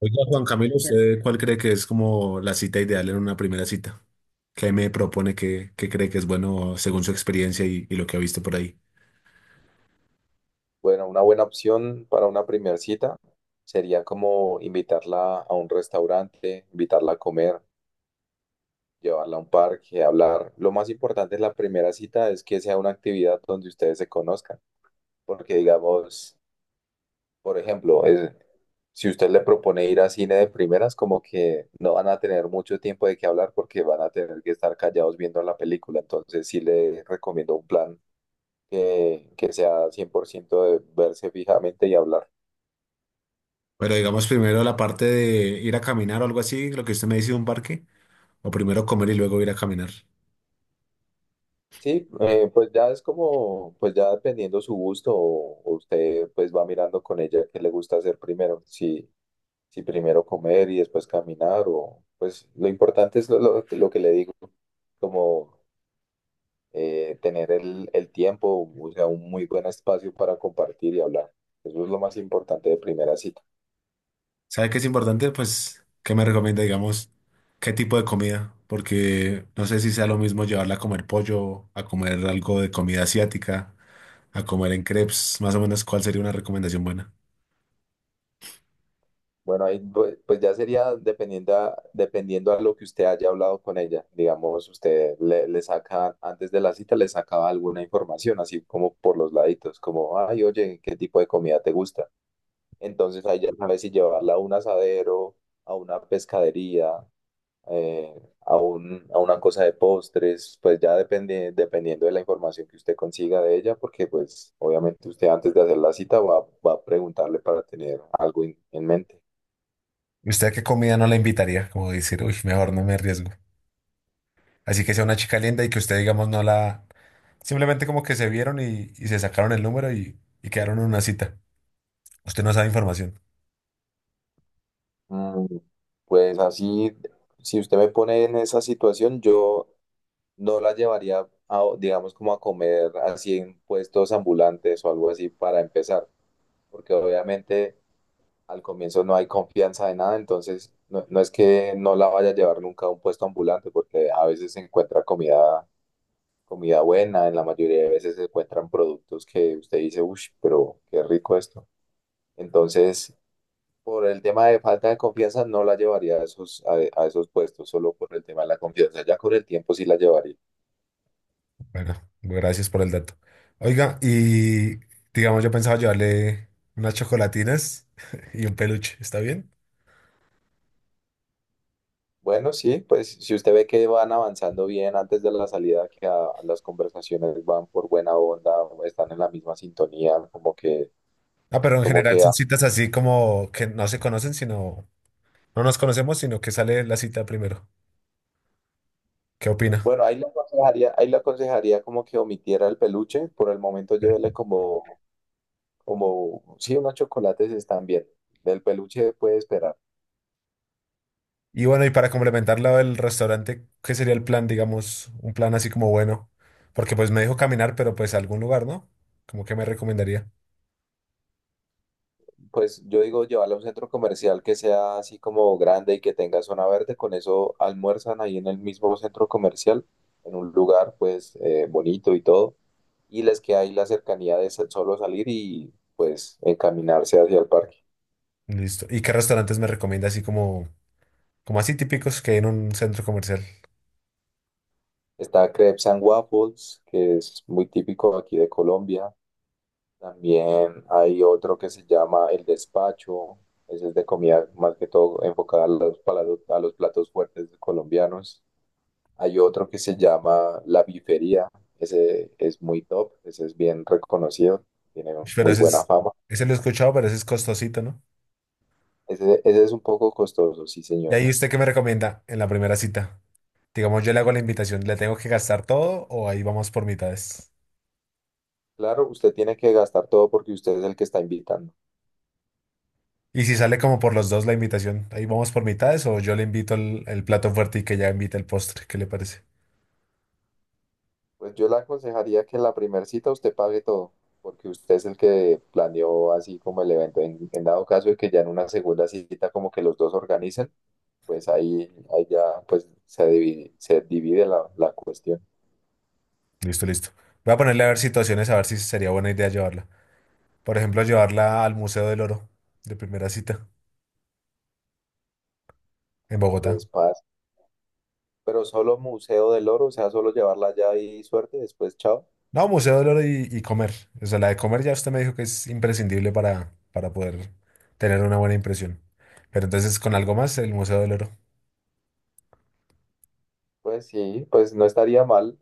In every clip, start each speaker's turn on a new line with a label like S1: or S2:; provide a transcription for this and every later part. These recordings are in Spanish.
S1: Oiga, Juan Camilo, ¿usted cuál cree que es como la cita ideal en una primera cita? ¿Qué me propone que cree que es bueno según su experiencia y lo que ha visto por ahí?
S2: Bueno, una buena opción para una primera cita sería como invitarla a un restaurante, invitarla a comer, llevarla a un parque, hablar. Lo más importante en la primera cita es que sea una actividad donde ustedes se conozcan, porque digamos, por ejemplo, si usted le propone ir a cine de primeras, como que no van a tener mucho tiempo de qué hablar porque van a tener que estar callados viendo la película. Entonces sí le recomiendo un plan que sea 100% de verse fijamente y hablar.
S1: Pero digamos primero la parte de ir a caminar o algo así, lo que usted me dice de un parque, o primero comer y luego ir a caminar.
S2: Sí, pues ya es como, pues ya dependiendo su gusto, o usted pues va mirando con ella qué le gusta hacer primero, si, si primero comer y después caminar, o pues lo importante es lo que le digo, como tener el tiempo, o sea, un muy buen espacio para compartir y hablar. Eso es lo más importante de primera cita.
S1: ¿Sabe qué es importante? Pues, ¿qué me recomienda, digamos, qué tipo de comida? Porque no sé si sea lo mismo llevarla a comer pollo, a comer algo de comida asiática, a comer en crepes, más o menos, ¿cuál sería una recomendación buena?
S2: Bueno, ahí pues ya sería dependiendo a lo que usted haya hablado con ella. Digamos, usted le saca, antes de la cita, le sacaba alguna información, así como por los laditos, como, ay, oye, ¿qué tipo de comida te gusta? Entonces ahí ya sabe si llevarla a un asadero, a una pescadería, eh, a a una cosa de postres, pues ya depende, dependiendo de la información que usted consiga de ella, porque pues obviamente usted antes de hacer la cita va a preguntarle para tener algo en mente.
S1: ¿Y usted a qué comida no la invitaría? Como decir, uy, mejor no me arriesgo. Así que sea una chica linda y que usted, digamos, no la... Simplemente como que se vieron y se sacaron el número y quedaron en una cita. Usted no sabe información.
S2: Mm, Pues así, si usted me pone en esa situación, yo no la llevaría a, digamos, como a comer así en puestos ambulantes o algo así para empezar, porque obviamente al comienzo no hay confianza de nada, entonces no, no es que no la vaya a llevar nunca a un puesto ambulante, porque a veces se encuentra comida, comida buena, en la mayoría de veces se encuentran productos que usted dice, uff, pero qué rico esto. Entonces por el tema de falta de confianza no la llevaría a esos, a esos puestos, solo por el tema de la confianza. Ya con el tiempo sí la llevaría.
S1: Bueno, gracias por el dato. Oiga, y digamos, yo pensaba llevarle unas chocolatinas y un peluche, ¿está bien?
S2: Bueno, sí, pues si usted ve que van avanzando bien antes de la salida, que las conversaciones van por buena onda, están en la misma sintonía,
S1: Ah, pero en
S2: como
S1: general
S2: que,
S1: son
S2: ah,
S1: citas así como que no se conocen, sino... No nos conocemos, sino que sale la cita primero. ¿Qué opina?
S2: bueno, ahí le aconsejaría como que omitiera el peluche, por el momento llévele sí, unos chocolates están bien, del peluche puede esperar.
S1: Y bueno, y para complementarlo del restaurante, ¿qué sería el plan, digamos, un plan así como bueno? Porque pues me dijo caminar, pero pues a algún lugar, ¿no? Como que me recomendaría.
S2: Pues yo digo llevarla a un centro comercial que sea así como grande y que tenga zona verde, con eso almuerzan ahí en el mismo centro comercial, en un lugar pues bonito y todo, y les queda ahí la cercanía de solo salir y pues encaminarse hacia el parque.
S1: Listo. ¿Y qué restaurantes me recomienda así como, como así típicos que hay en un centro comercial?
S2: Está Crepes and Waffles, que es muy típico aquí de Colombia. También hay otro que se llama El Despacho, ese es de comida más que todo enfocada a a los platos fuertes colombianos. Hay otro que se llama La Bifería. Ese es muy top, ese es bien reconocido, tiene
S1: Ush, pero
S2: muy
S1: ese
S2: buena
S1: es,
S2: fama.
S1: ese lo he escuchado, pero ese es costosito, ¿no?
S2: Ese es un poco costoso, sí,
S1: Y
S2: señor.
S1: ahí usted qué me recomienda en la primera cita. Digamos, yo le hago la invitación, ¿le tengo que gastar todo o ahí vamos por mitades?
S2: Claro, usted tiene que gastar todo porque usted es el que está invitando.
S1: Y si sale como por los dos la invitación, ahí vamos por mitades o yo le invito el plato fuerte y que ya invita el postre, ¿qué le parece?
S2: Pues yo le aconsejaría que en la primera cita usted pague todo, porque usted es el que planeó así como el evento. En dado caso de que ya en una segunda cita como que los dos organicen, pues ahí ya pues se divide la cuestión.
S1: Listo, listo. Voy a ponerle a ver situaciones, a ver si sería buena idea llevarla. Por ejemplo, llevarla al Museo del Oro de primera cita en Bogotá.
S2: Pues paz. Pero solo Museo del Oro, o sea, solo llevarla allá y suerte, después chao.
S1: No, Museo del Oro y comer. O sea, la de comer ya usted me dijo que es imprescindible para poder tener una buena impresión. Pero entonces con algo más, el Museo del Oro.
S2: Pues sí, pues no estaría mal,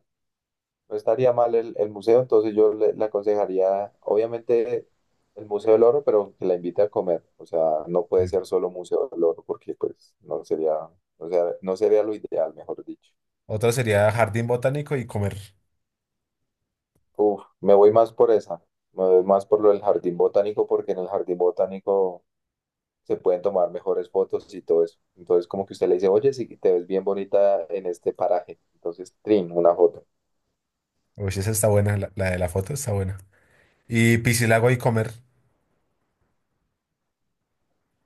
S2: no estaría mal el museo, entonces yo le aconsejaría, obviamente, el Museo del Oro, pero que la invite a comer, o sea, no puede
S1: Mm.
S2: ser solo Museo del Oro, porque pues no sería, o sea, no sería lo ideal, mejor dicho.
S1: Otra sería jardín botánico y comer.
S2: Uf, me voy más por esa, me voy más por lo del jardín botánico, porque en el jardín botánico se pueden tomar mejores fotos y todo eso. Entonces, como que usted le dice, oye, sí, te ves bien bonita en este paraje. Entonces, trin, una foto.
S1: Uy, esa está buena, la de la foto está buena. Y piscilago y comer.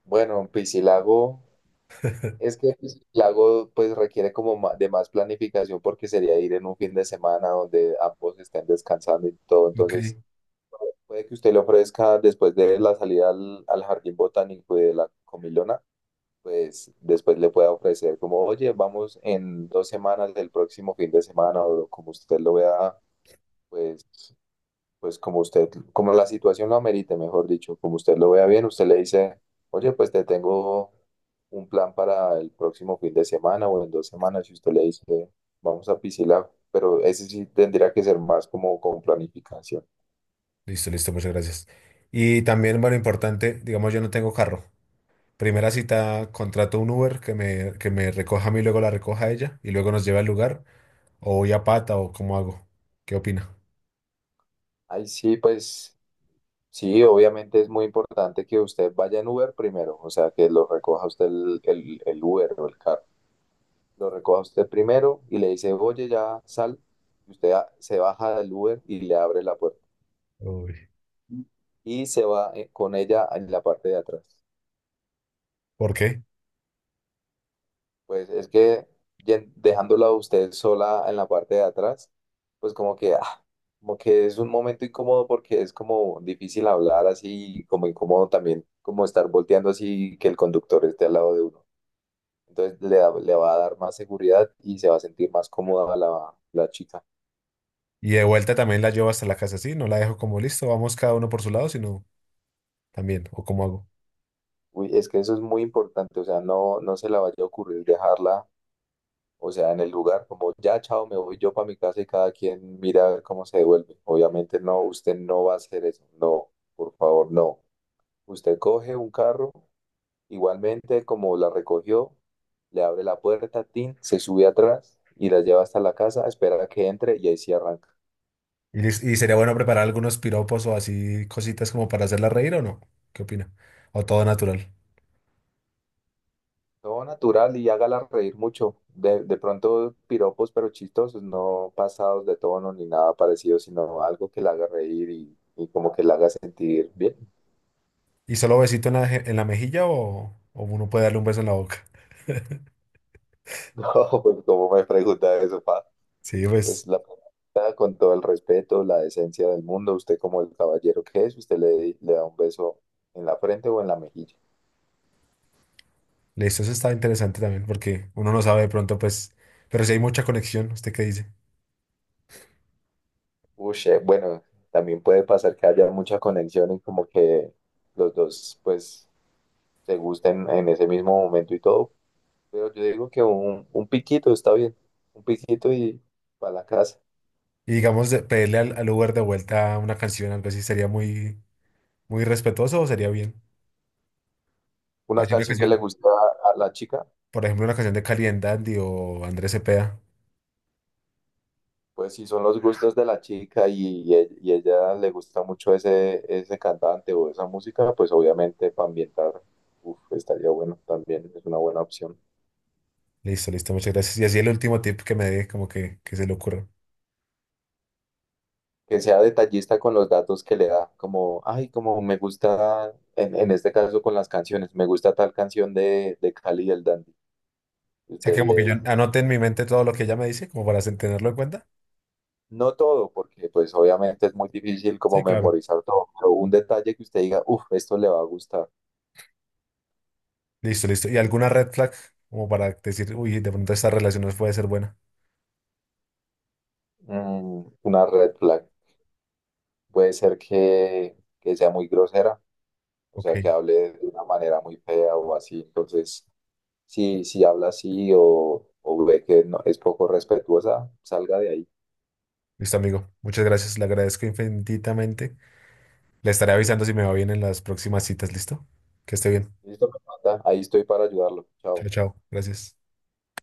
S2: Bueno, Piscilago, es que Piscilago pues requiere como de más planificación porque sería ir en un fin de semana donde ambos estén descansando y todo.
S1: Ok.
S2: Entonces, puede que usted le ofrezca después de la salida al jardín botánico y de la comilona, pues después le pueda ofrecer como, oye, vamos en dos semanas del próximo fin de semana o como usted lo vea pues pues como usted, como la situación lo amerite, mejor dicho, como usted lo vea bien, usted le dice, oye, pues te tengo un plan para el próximo fin de semana o en dos semanas, y usted le dice, vamos a Piscilab, pero ese sí tendría que ser más como con planificación.
S1: Listo, listo, muchas gracias. Y también, bueno, importante, digamos, yo no tengo carro. Primera cita, contrato un Uber que me recoja a mí, luego la recoja a ella y luego nos lleve al lugar. O voy a pata o cómo hago. ¿Qué opina?
S2: Ay sí, pues sí, obviamente es muy importante que usted vaya en Uber primero, o sea, que lo recoja usted el Uber o el carro, lo recoja usted primero y le dice, oye, ya sal, y usted se baja del Uber y le abre la puerta
S1: Uy.
S2: y se va con ella en la parte de atrás.
S1: ¿Por qué?
S2: Pues es que dejándola a usted sola en la parte de atrás, pues como que es un momento incómodo porque es como difícil hablar así, como incómodo también, como estar volteando así que el conductor esté al lado de uno. Entonces le va a dar más seguridad y se va a sentir más cómoda la chica.
S1: Y de vuelta también la llevo hasta la casa, ¿sí? No la dejo como listo, vamos cada uno por su lado, sino también, o cómo hago.
S2: Uy, es que eso es muy importante, o sea, no, no se le vaya a ocurrir dejarla. O sea, en el lugar, como ya, chao, me voy yo para mi casa y cada quien mira a ver cómo se devuelve. Obviamente no, usted no va a hacer eso. No, por favor, no. Usted coge un carro, igualmente como la recogió, le abre la puerta, tin, se sube atrás y la lleva hasta la casa, espera a que entre y ahí sí arranca.
S1: Y, y sería bueno preparar algunos piropos o así cositas como para hacerla reír o no. ¿Qué opina? O todo natural.
S2: Todo natural y hágala reír mucho. De pronto piropos, pero chistosos, no pasados de tono ni nada parecido, sino algo que la haga reír y como que la haga sentir bien.
S1: ¿Y solo besito en la, en la mejilla o uno puede darle un beso en la boca?
S2: No, pues como me pregunta eso, pa,
S1: Sí, pues.
S2: pues la pregunta con todo el respeto, la decencia del mundo, usted como el caballero que es, usted le da un beso en la frente o en la mejilla.
S1: Listo, eso está interesante también porque uno no sabe de pronto, pues, pero si hay mucha conexión, ¿usted qué dice?
S2: Uy, bueno, también puede pasar que haya mucha conexión y como que los dos pues se gusten en ese mismo momento y todo, pero yo digo que un piquito está bien, un piquito y para la casa.
S1: Y digamos, pedirle al Uber de vuelta una canción, algo así, ¿sería muy, muy respetuoso o sería bien?
S2: Una
S1: Así una
S2: canción que le
S1: canción,
S2: gusta a la chica.
S1: por ejemplo, una canción de Cali and Dandy o Andrés Cepeda.
S2: Pues si son los gustos de la chica y y ella le gusta mucho ese, ese cantante o esa música, pues obviamente para ambientar, uf, estaría bueno también, es una buena opción.
S1: Listo, listo, muchas gracias. Y así el último tip que me dé, como que se le ocurra. O
S2: Que sea detallista con los datos que le da, como, ay, como me gusta, en este caso con las canciones, me gusta tal canción de Cali y el Dandy. Y
S1: sea,
S2: usted
S1: que como
S2: le
S1: que yo
S2: dice,
S1: anote en mi mente todo lo que ella me dice, como para tenerlo en cuenta.
S2: no todo, porque pues obviamente es muy difícil como
S1: Sí, claro.
S2: memorizar todo, pero un detalle que usted diga, uff, esto le va a gustar.
S1: Listo, listo. ¿Y alguna red flag? Como para decir, uy, de pronto esta relación no puede ser buena.
S2: Una red flag. Puede ser que sea muy grosera, o
S1: Ok.
S2: sea, que hable de una manera muy fea o así. Entonces, si habla así o ve que no, es poco respetuosa, salga de ahí.
S1: Listo, amigo. Muchas gracias. Le agradezco infinitamente. Le estaré avisando si me va bien en las próximas citas. ¿Listo? Que esté bien.
S2: Listo, me manda. Ahí estoy para ayudarlo.
S1: Chao,
S2: Chao.
S1: chao. Gracias.